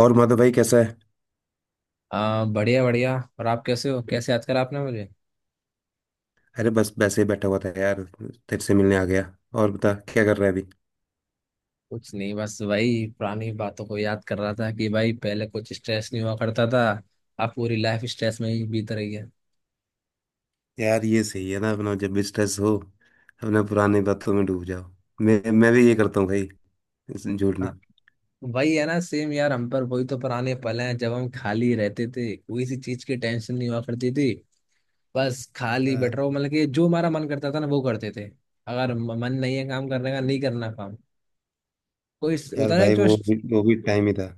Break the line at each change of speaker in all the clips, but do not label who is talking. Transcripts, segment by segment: और माधव भाई कैसा है।
बढ़िया बढ़िया। और आप कैसे हो? कैसे याद करा आपने मुझे?
अरे बस वैसे ही बैठा हुआ था यार, तेरे से मिलने आ गया। और बता क्या कर रहा है अभी।
कुछ नहीं, बस वही पुरानी बातों को याद कर रहा था कि भाई पहले कुछ स्ट्रेस नहीं हुआ करता था। अब पूरी लाइफ स्ट्रेस में ही बीत रही है।
यार ये सही है ना, अपना जब भी स्ट्रेस हो अपना पुरानी बातों में डूब जाओ। मैं भी ये करता हूँ भाई। झूठ
हाँ,
नहीं।
वही है ना, सेम यार, हम पर वही तो पुराने पल हैं जब हम खाली रहते थे, कोई सी चीज की टेंशन नहीं हुआ करती थी। बस खाली बैठ रहो,
हाँ,
मतलब कि जो हमारा मन करता था ना वो करते थे। अगर मन नहीं है काम करने का, नहीं करना काम। कोई
यार
होता ना
भाई
जो।
वो भी टाइम ही था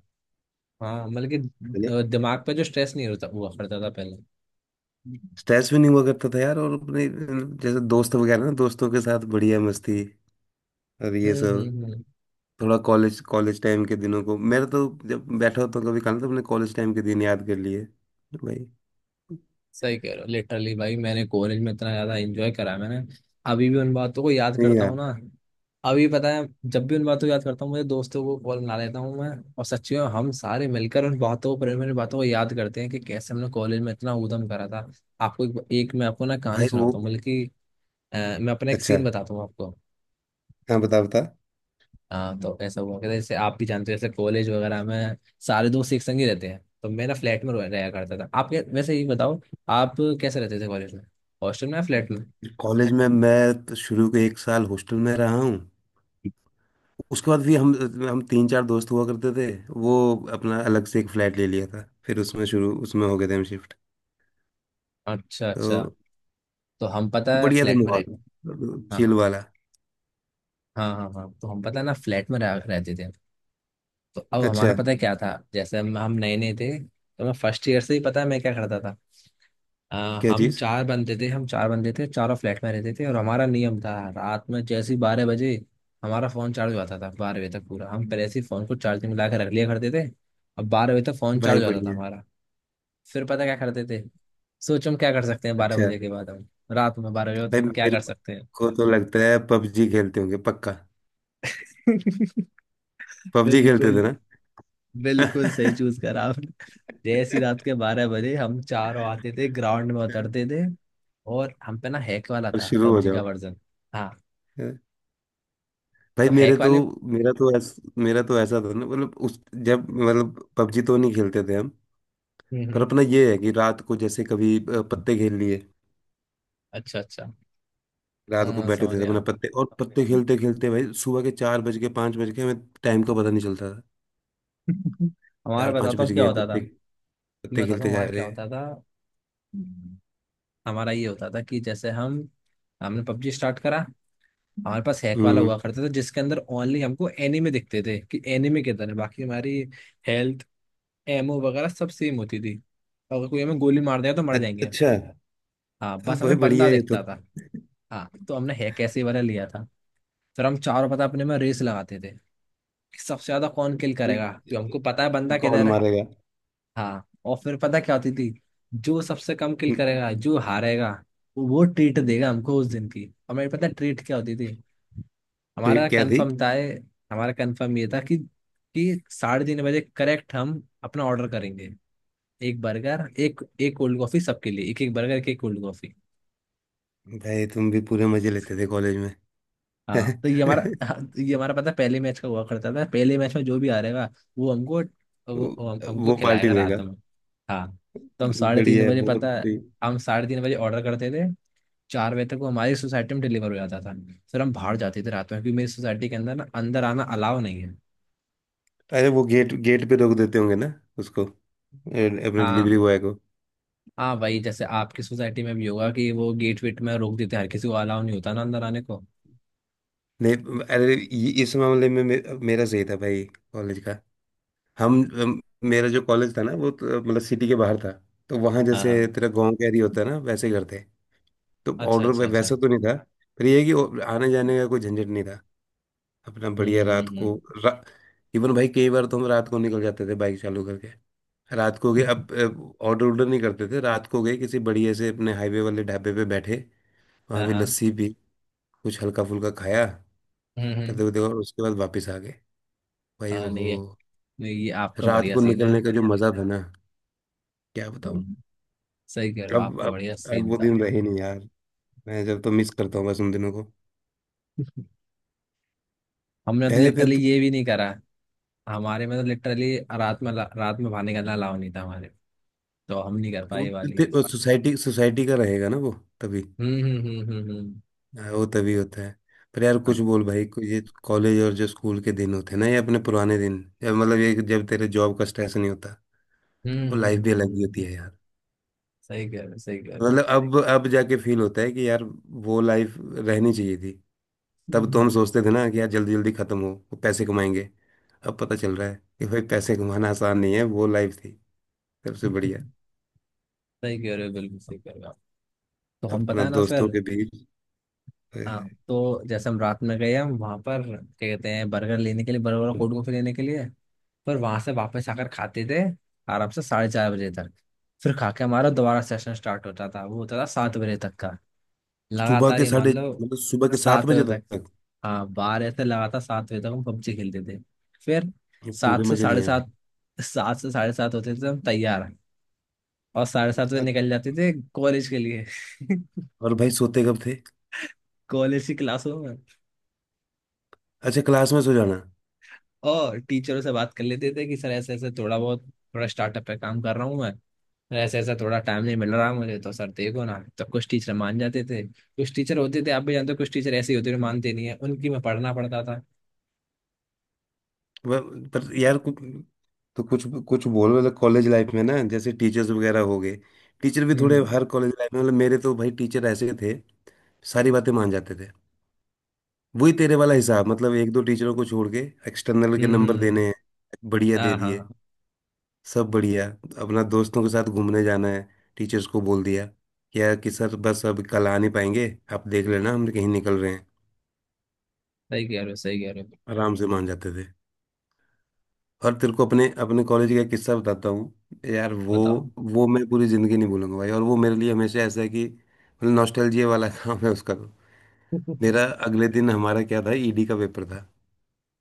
हाँ, मतलब कि
पहले।
दिमाग पे जो स्ट्रेस नहीं होता हुआ करता था पहले। हम्म
स्ट्रेस भी नहीं हुआ करता था यार, और अपने जैसे दोस्त वगैरह ना, दोस्तों के साथ बढ़िया मस्ती और ये
हम्म
सब।
हम्म।
थोड़ा कॉलेज कॉलेज टाइम के दिनों को मेरा तो, जब बैठा होता हूँ कभी खाना तो अपने कॉलेज टाइम के दिन याद कर लिए भाई।
सही कह रहे हो, लिटरली भाई, मैंने कॉलेज में इतना ज्यादा एंजॉय करा है मैंने। अभी भी उन बातों को याद
नहीं
करता हूँ
यार,
ना। अभी पता है, जब भी उन बातों को याद करता हूँ, मुझे दोस्तों को कॉल बना लेता हूँ मैं। और सच्ची में हम सारे मिलकर उन बातों पर, मेरी बातों को याद करते हैं कि कैसे हमने कॉलेज में इतना ऊधम करा था। एक मैं आपको ना कहानी
भाई वो।
सुनाता हूँ, बल्कि मैं अपना एक
अच्छा,
सीन बताता हूँ आपको।
हाँ बता बता।
हाँ, तो ऐसा हुआ कि जैसे आप भी जानते हो, जैसे कॉलेज वगैरह में सारे दोस्त एक संग ही रहते हैं, तो मेरा फ्लैट में रहा करता था। आप वैसे ये बताओ, आप कैसे रहते थे कॉलेज में, हॉस्टल में या फ्लैट में?
कॉलेज में मैं तो शुरू के 1 साल हॉस्टल में रहा हूँ। उसके बाद भी हम तीन चार दोस्त हुआ करते थे। वो अपना अलग से एक फ्लैट ले लिया था, फिर उसमें शुरू उसमें हो गए थे हम शिफ्ट।
अच्छा अच्छा।
तो
तो हम पता है
बढ़िया था
फ्लैट में रह।
माहौल,
हाँ
चिल वाला।
हाँ हाँ, हाँ तो हम पता है ना फ्लैट में रहते थे। तो अब हमारा
अच्छा,
पता है क्या था, जैसे हम नए नए थे, तो मैं फर्स्ट ईयर से ही पता है मैं क्या करता था। अ,
क्या
हम
चीज़।
चार बंदे थे, हम चार बंदे थे, चारों फ्लैट में रहते थे, और हमारा नियम था। रात में जैसे ही 12 बजे, हमारा फोन चार्ज हो जाता था। 12 बजे तक पूरा हम पहले से ही फोन को चार्जिंग में लगा के रख लिया करते थे। अब 12 बजे तक फोन
भाई
चार्ज हो जाता था
बढ़िया।
हमारा। फिर पता क्या करते थे? सोचो, हम क्या कर सकते हैं बारह
अच्छा,
बजे के बाद, हम रात में 12 बजे
भाई
तो हम क्या
मेरे
कर सकते हैं?
को तो लगता है पबजी खेलते होंगे पक्का। पबजी खेलते
बिल्कुल,
थे ना।
बिल्कुल सही चूज करा आपने। जैसी रात के 12 बजे हम चारों आते थे, ग्राउंड में उतरते थे। और हम पे ना हैक वाला
और
था,
शुरू
पबजी का
हो
वर्जन। हाँ,
जाओ। भाई
तो
मेरे
हैक
तो,
वाले।
मेरा तो ऐसा था ना, मतलब उस, जब मतलब पबजी तो नहीं खेलते थे हम,
हम्म
पर
हम्म,
अपना ये है कि रात को जैसे कभी पत्ते खेल लिए।
अच्छा अच्छा।
रात को
हाँ,
बैठे
समझ
थे अपना
गया।
पत्ते, और पत्ते खेलते खेलते भाई सुबह के चार बज के, पाँच बज के, हमें टाइम का पता नहीं चलता था।
हमारा
चार पाँच
बताता
बज
हूँ
गए
क्या
हैं,
होता था।
पत्ते
मैं
पत्ते
बताता
खेलते
हूँ
जा
हमारा क्या
रहे
होता
हैं।
था। हम्म। हमारा ये होता था कि जैसे हम, हमने पबजी स्टार्ट करा। हमारे पास हैक वाला हुआ
हम्म।
करता था जिसके अंदर ओनली हमको एनीमे दिखते थे कि एनीमे किधर है, बाकी हमारी हेल्थ, एमओ वगैरह सब सेम होती थी। अगर कोई हमें गोली मार दिया तो मर
अ-
जाएंगे हम।
अच्छा।
हाँ,
तो
बस
भाई
हमें बंदा
बढ़िया है ये तो।
दिखता था। हाँ, तो हमने हैक ऐसे वाला लिया था। फिर हम चारों, पता, अपने में रेस लगाते थे कि सबसे ज्यादा कौन किल
ठीक।
करेगा, क्योंकि हमको पता है बंदा
कौन
किधर है।
मारेगा।
हाँ, और फिर पता क्या होती थी? जो सबसे कम किल
हम्म,
करेगा, जो हारेगा, वो ट्रीट देगा हमको उस दिन की। हमें पता ट्रीट क्या होती थी?
फिर
हमारा
क्या थी।
कंफर्म था। हमारा कंफर्म ये था कि 3:30 बजे करेक्ट हम अपना ऑर्डर करेंगे। एक बर्गर, एक एक कोल्ड कॉफी, सबके लिए एक एक बर्गर, एक एक कोल्ड कॉफी।
भाई तुम भी पूरे मजे लेते थे कॉलेज में।
हाँ, तो ये हमारा हाँ, तो ये हमारा पता है, पहले मैच का हुआ करता था, पहले मैच में जो भी आ रहेगा, वो हमको
वो
वो हम, हमको
वो पार्टी
खिलाएगा रात
देगा।
में। हाँ, तो हम साढ़े तीन
बढ़िया है,
बजे
बहुत
पता है,
सही।
हम 3:30 बजे ऑर्डर करते थे। 4 बजे तक वो हमारी सोसाइटी में डिलीवर हो जाता था। फिर हम बाहर जाते थे रात में, क्योंकि मेरी सोसाइटी के अंदर ना, अंदर आना अलाउ नहीं है।
अरे वो गेट गेट पे रोक देते होंगे ना उसको, अपने डिलीवरी
हाँ
बॉय को।
हाँ भाई, जैसे आपकी सोसाइटी में भी होगा कि वो गेट वेट में रोक देते हैं, हर किसी को अलाउ नहीं होता ना अंदर आने को।
नहीं अरे इस मामले में मेरा सही था भाई, कॉलेज का। हम, हम- मेरा जो कॉलेज था ना वो तो, मतलब सिटी के बाहर था। तो वहाँ
हाँ
जैसे
हाँ।
तेरा गांव कैरी होता है ना, वैसे ही करते हैं। तो
अच्छा
ऑर्डर
अच्छा अच्छा।
वैसा तो नहीं था, पर ये है कि आने जाने का कोई झंझट नहीं था। अपना बढ़िया रात
हम्म।
को, रा... इवन भाई कई बार तो हम रात को निकल जाते थे बाइक चालू करके। रात को गए, अब ऑर्डर ऑर्डर नहीं करते थे, रात को गए किसी बढ़िया से अपने हाईवे वाले ढाबे पे बैठे, वहां
हाँ
पे
हाँ।
लस्सी पी, कुछ हल्का फुल्का खाया,
हम्म
पता
हम्म,
वो देखा और उसके बाद वापस आ गए। भाई
हाँ,
ओहो,
नहीं है। नहीं, ये आपका
रात
बढ़िया
को
सीन है।
निकलने का जो मजा था ना, क्या बताऊं।
हम्म, सही कह रहे हो,
अब
आपका
अब
बढ़िया
अब
सीन
वो
था।
दिन रहे नहीं यार, मैं जब तो मिस करता हूँ बस उन दिनों को,
हमने तो
रहे थे
लिटरली ये भी नहीं करा। हमारे में तो लिटरली रात में बाहर निकलना अलाउ नहीं था हमारे। तो हम नहीं कर पाए
तो,
ये वाली।
सोसाइटी सोसाइटी का रहेगा ना वो, तभी।
हम्म।
हाँ, वो तभी होता है। पर यार कुछ
हाँ।
बोल भाई, कुछ ये कॉलेज और जो स्कूल के दिन होते हैं ना, ये अपने पुराने दिन, या मतलब ये जब तेरे जॉब का स्ट्रेस नहीं होता, वो लाइफ भी अलग ही
हम्म।
होती है यार।
सही कह रहे हो, सही कह रहे हो।
मतलब अब जाके फील होता है कि यार वो लाइफ रहनी चाहिए थी। तब तो हम
हम्म।
सोचते थे ना कि यार जल्दी जल्दी खत्म हो, वो पैसे कमाएंगे। अब पता चल रहा है कि भाई पैसे कमाना आसान नहीं है, वो लाइफ थी सबसे बढ़िया।
सही कह रहे हो, बिल्कुल सही कह रहे हो आप। तो हम पता
अपना
है ना
दोस्तों
फिर।
के बीच।
हाँ, तो जैसे हम रात में गए, हम वहां पर क्या कहते हैं, बर्गर लेने के लिए, बर्गर और कोल्ड कॉफी लेने के लिए। पर वहां से वापस आकर खाते थे, आराम से 4:30 बजे तक। फिर खा के हमारा दोबारा सेशन स्टार्ट होता था, वो होता था 7 बजे तक का,
सुबह
लगातार
के
ही
साढ़े,
मान लो।
मतलब सुबह के सात
सात बजे
बजे
तक
तक।
हाँ, 12 से लगातार 7 बजे तक हम पबजी खेलते थे। फिर
ये
सात
पूरे
से
मजे
साढ़े
लिए हैं भाई।
सात 7 से 7:30 होते थे तो हम तैयार। और 7:30 बजे निकल जाते थे कॉलेज के लिए।
और भाई सोते कब थे।
कॉलेज की क्लासों में।
अच्छा क्लास में सो जाना।
और टीचरों से बात कर लेते थे कि सर ऐसे ऐसे थोड़ा बहुत, थोड़ा स्टार्टअप पे काम कर रहा हूँ मैं। सर ऐसे ऐसा, थोड़ा टाइम नहीं मिल रहा मुझे, तो सर देखो ना, तो कुछ टीचर मान जाते थे, कुछ टीचर होते थे, आप भी जानते हो, कुछ टीचर ऐसे ही होते थे, मानते नहीं है, उनकी मैं पढ़ना पड़ता था।
पर यार तो कुछ, कुछ बोल मतलब कॉलेज लाइफ में ना, जैसे टीचर्स वगैरह हो गए, टीचर भी
हम्म
थोड़े
हम्म
हर कॉलेज लाइफ में, मतलब मेरे तो भाई टीचर ऐसे थे, सारी बातें मान जाते थे। वही तेरे वाला हिसाब, मतलब एक दो टीचरों को छोड़ के, एक्सटर्नल के
हम्म
नंबर
हम्म, हम्म।
देने हैं, बढ़िया दे
हाँ हाँ
दिए,
हाँ,
सब बढ़िया। अपना दोस्तों के साथ घूमने जाना है, टीचर्स को बोल दिया क्या कि सर बस अब कल आ नहीं पाएंगे, आप देख लेना, हम कहीं निकल रहे हैं।
सही कह रहे हो, सही कह रहे हो।
आराम से मान जाते थे। और तेरे को अपने अपने कॉलेज का किस्सा बताता हूँ यार,
बताओ।
वो मैं पूरी ज़िंदगी नहीं भूलूंगा भाई, और वो मेरे लिए हमेशा ऐसा है कि मतलब नॉस्टैल्जिया वाला काम है उसका तो। मेरा अगले दिन हमारा क्या था, ईडी का पेपर था।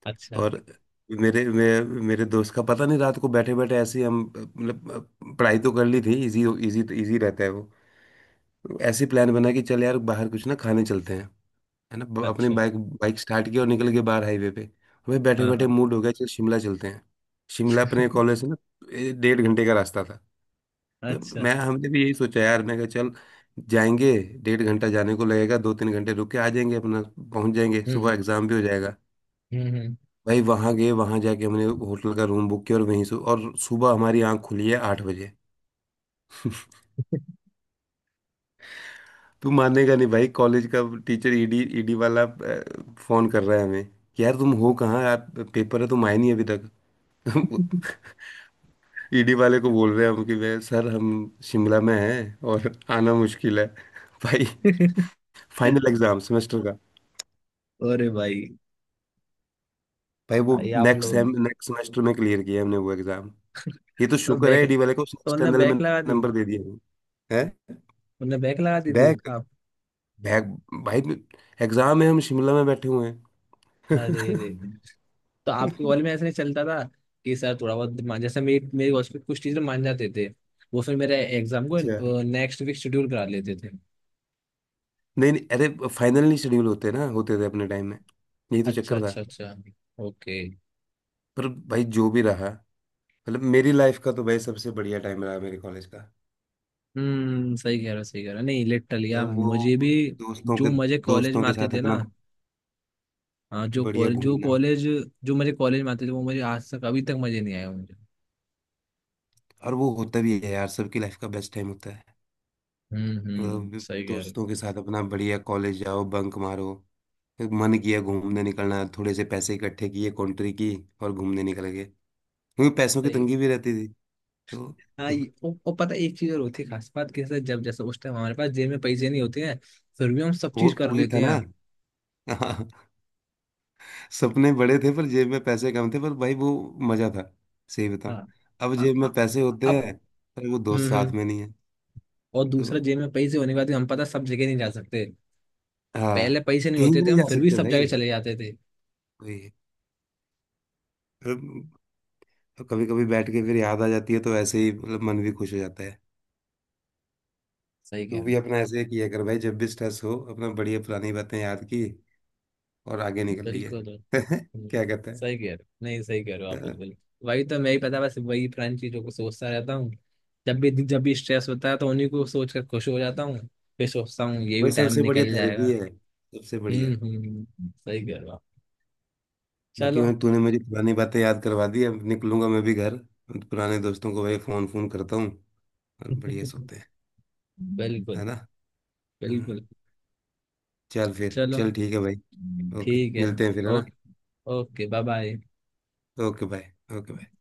अच्छा
और मेरे दोस्त का पता नहीं, रात को बैठे बैठे ऐसे ही हम मतलब पढ़ाई तो कर ली थी, इजी इजी इजी रहता है वो। ऐसी प्लान बना कि चल यार बाहर कुछ ना खाने चलते हैं, है ना, अपने
अच्छा।
बाइक, बाइक स्टार्ट किया और निकल गए बाहर हाईवे पे। हमें बैठे
हाँ
बैठे
हाँ।
मूड हो गया, चल शिमला चलते हैं। शिमला अपने कॉलेज से ना 1.5 घंटे का रास्ता था। तो
अच्छा।
मैं, हमने भी यही सोचा यार, मैं कहा चल जाएंगे, 1.5 घंटा जाने को लगेगा, दो तीन घंटे रुक के आ जाएंगे अपना, पहुंच जाएंगे,
हम्म
सुबह एग्जाम भी हो जाएगा।
हम्म
भाई वहां गए, वहां जाके हमने होटल का रूम बुक किया और वहीं से और सुबह हमारी आंख खुली है 8 बजे। तू मानेगा नहीं भाई, कॉलेज का टीचर ईडी ईडी वाला फोन कर रहा है हमें कि यार तुम हो कहाँ यार, पेपर है, तुम आए नहीं अभी तक। हम ईडी वाले को बोल रहे हैं हम कि वे सर हम शिमला में हैं और आना मुश्किल है। भाई
हम्म।
फाइनल एग्जाम सेमेस्टर का।
अरे भाई।
भाई वो
भाई आप लोग,
नेक्स्ट सेमेस्टर में क्लियर किया हमने वो एग्जाम। ये तो
तो
शुक्र है
बैक,
ईडी वाले को, उसने
तो उनने
एक्सटर्नल में
बैक लगा दी।
नंबर दे दिया हमें, है।
उनने बैक लगा दी थी
बैक,
आप?
बैक भाई, एग्जाम है हम शिमला में बैठे हुए
अरे
हैं।
रे रे। तो आपके कॉलेज में ऐसा नहीं चलता था कि सर थोड़ा बहुत मान, जैसे मेरी मेरे कॉलेज में कुछ टीचर मान जाते थे? वो फिर मेरे एग्जाम को
अच्छा।
नेक्स्ट वीक शेड्यूल करा लेते थे।
नहीं नहीं, अरे फाइनल नहीं शेड्यूल होते, ना होते थे अपने टाइम में, यही तो
अच्छा
चक्कर था।
अच्छा अच्छा। ओके।
पर भाई जो भी रहा, मतलब मेरी लाइफ का तो भाई सबसे बढ़िया टाइम रहा मेरे कॉलेज का।
हम्म, सही कह रहा, सही कह रहा, नहीं लिटरली
भाई
यार
वो,
मुझे भी,
दोस्तों के
जो मजे कॉलेज
दोस्तों
में
के
आते
साथ
थे ना।
अपना
हाँ,
बढ़िया घूमना।
जो मजे कॉलेज में आते थे, वो मुझे आज तक, अभी तक मजे नहीं आए मुझे।
और वो होता भी है यार, सबकी लाइफ का बेस्ट टाइम होता है।
हम्म,
मतलब
सही कह रहे हो।
दोस्तों के साथ अपना बढ़िया कॉलेज जाओ, बंक मारो, फिर मन किया घूमने निकलना, थोड़े से पैसे इकट्ठे किए, कॉन्ट्री की और घूमने निकल गए, क्योंकि पैसों की
सही।
तंगी भी रहती थी। तो
हाँ, ये वो पता है, एक चीज और होती है खास बात, कैसे, जब जैसे उस टाइम हमारे पास जेब में पैसे नहीं होते हैं, फिर भी हम सब
वो
चीज कर
वही था
लेते
ना।
हैं।
हाँ, सपने बड़े थे पर जेब में पैसे कम थे, पर भाई वो मजा था, सही बताऊं।
हाँ।
अब
अ-
जेब में
अ-
पैसे होते
अब।
हैं पर वो दोस्त साथ
हम्म।
में नहीं है।
और दूसरा,
तो
जेब में पैसे होने के बाद भी हम पता है सब जगह नहीं जा सकते।
हाँ,
पहले पैसे नहीं
कहीं
होते
भी
थे,
नहीं
हम
जा
फिर भी
सकते
सब
भाई,
जगह चले जाते थे।
वही। तो कभी कभी बैठ के फिर याद आ जाती है तो ऐसे ही मतलब मन भी खुश हो जाता है।
सही कह
तू
रहे
भी
हो,
अपना ऐसे ही किया कर भाई, जब भी स्ट्रेस हो अपना बढ़िया पुरानी बातें याद की और आगे निकल लिए।
बिल्कुल। हम्म,
क्या कहता है।
सही कह रहे हो, नहीं सही कह रहे हो
अ,
आप, बिल्कुल। वही तो मैं ही पता, बस वही पुरानी चीजों को सोचता रहता हूँ। जब भी, जब भी स्ट्रेस होता है, तो उन्हीं को सोच कर खुश हो जाता हूँ। फिर सोचता हूँ ये भी
वही
टाइम
सबसे बढ़िया
निकल
थेरेपी
जाएगा।
है, सबसे बढ़िया।
सही कह रहा।
बाकी भाई
चलो।
तूने मुझे पुरानी बातें याद करवा दी, अब निकलूंगा मैं भी घर, पुराने दोस्तों को भाई फोन फोन करता हूँ और बढ़िया सोते हैं, है
बिल्कुल
ना। हम्म,
बिल्कुल।
चल फिर,
चलो,
चल ठीक है भाई। ओके
ठीक है।
मिलते हैं फिर, है ना।
Okay. Okay bye bye.
Okay bye. Okay bye.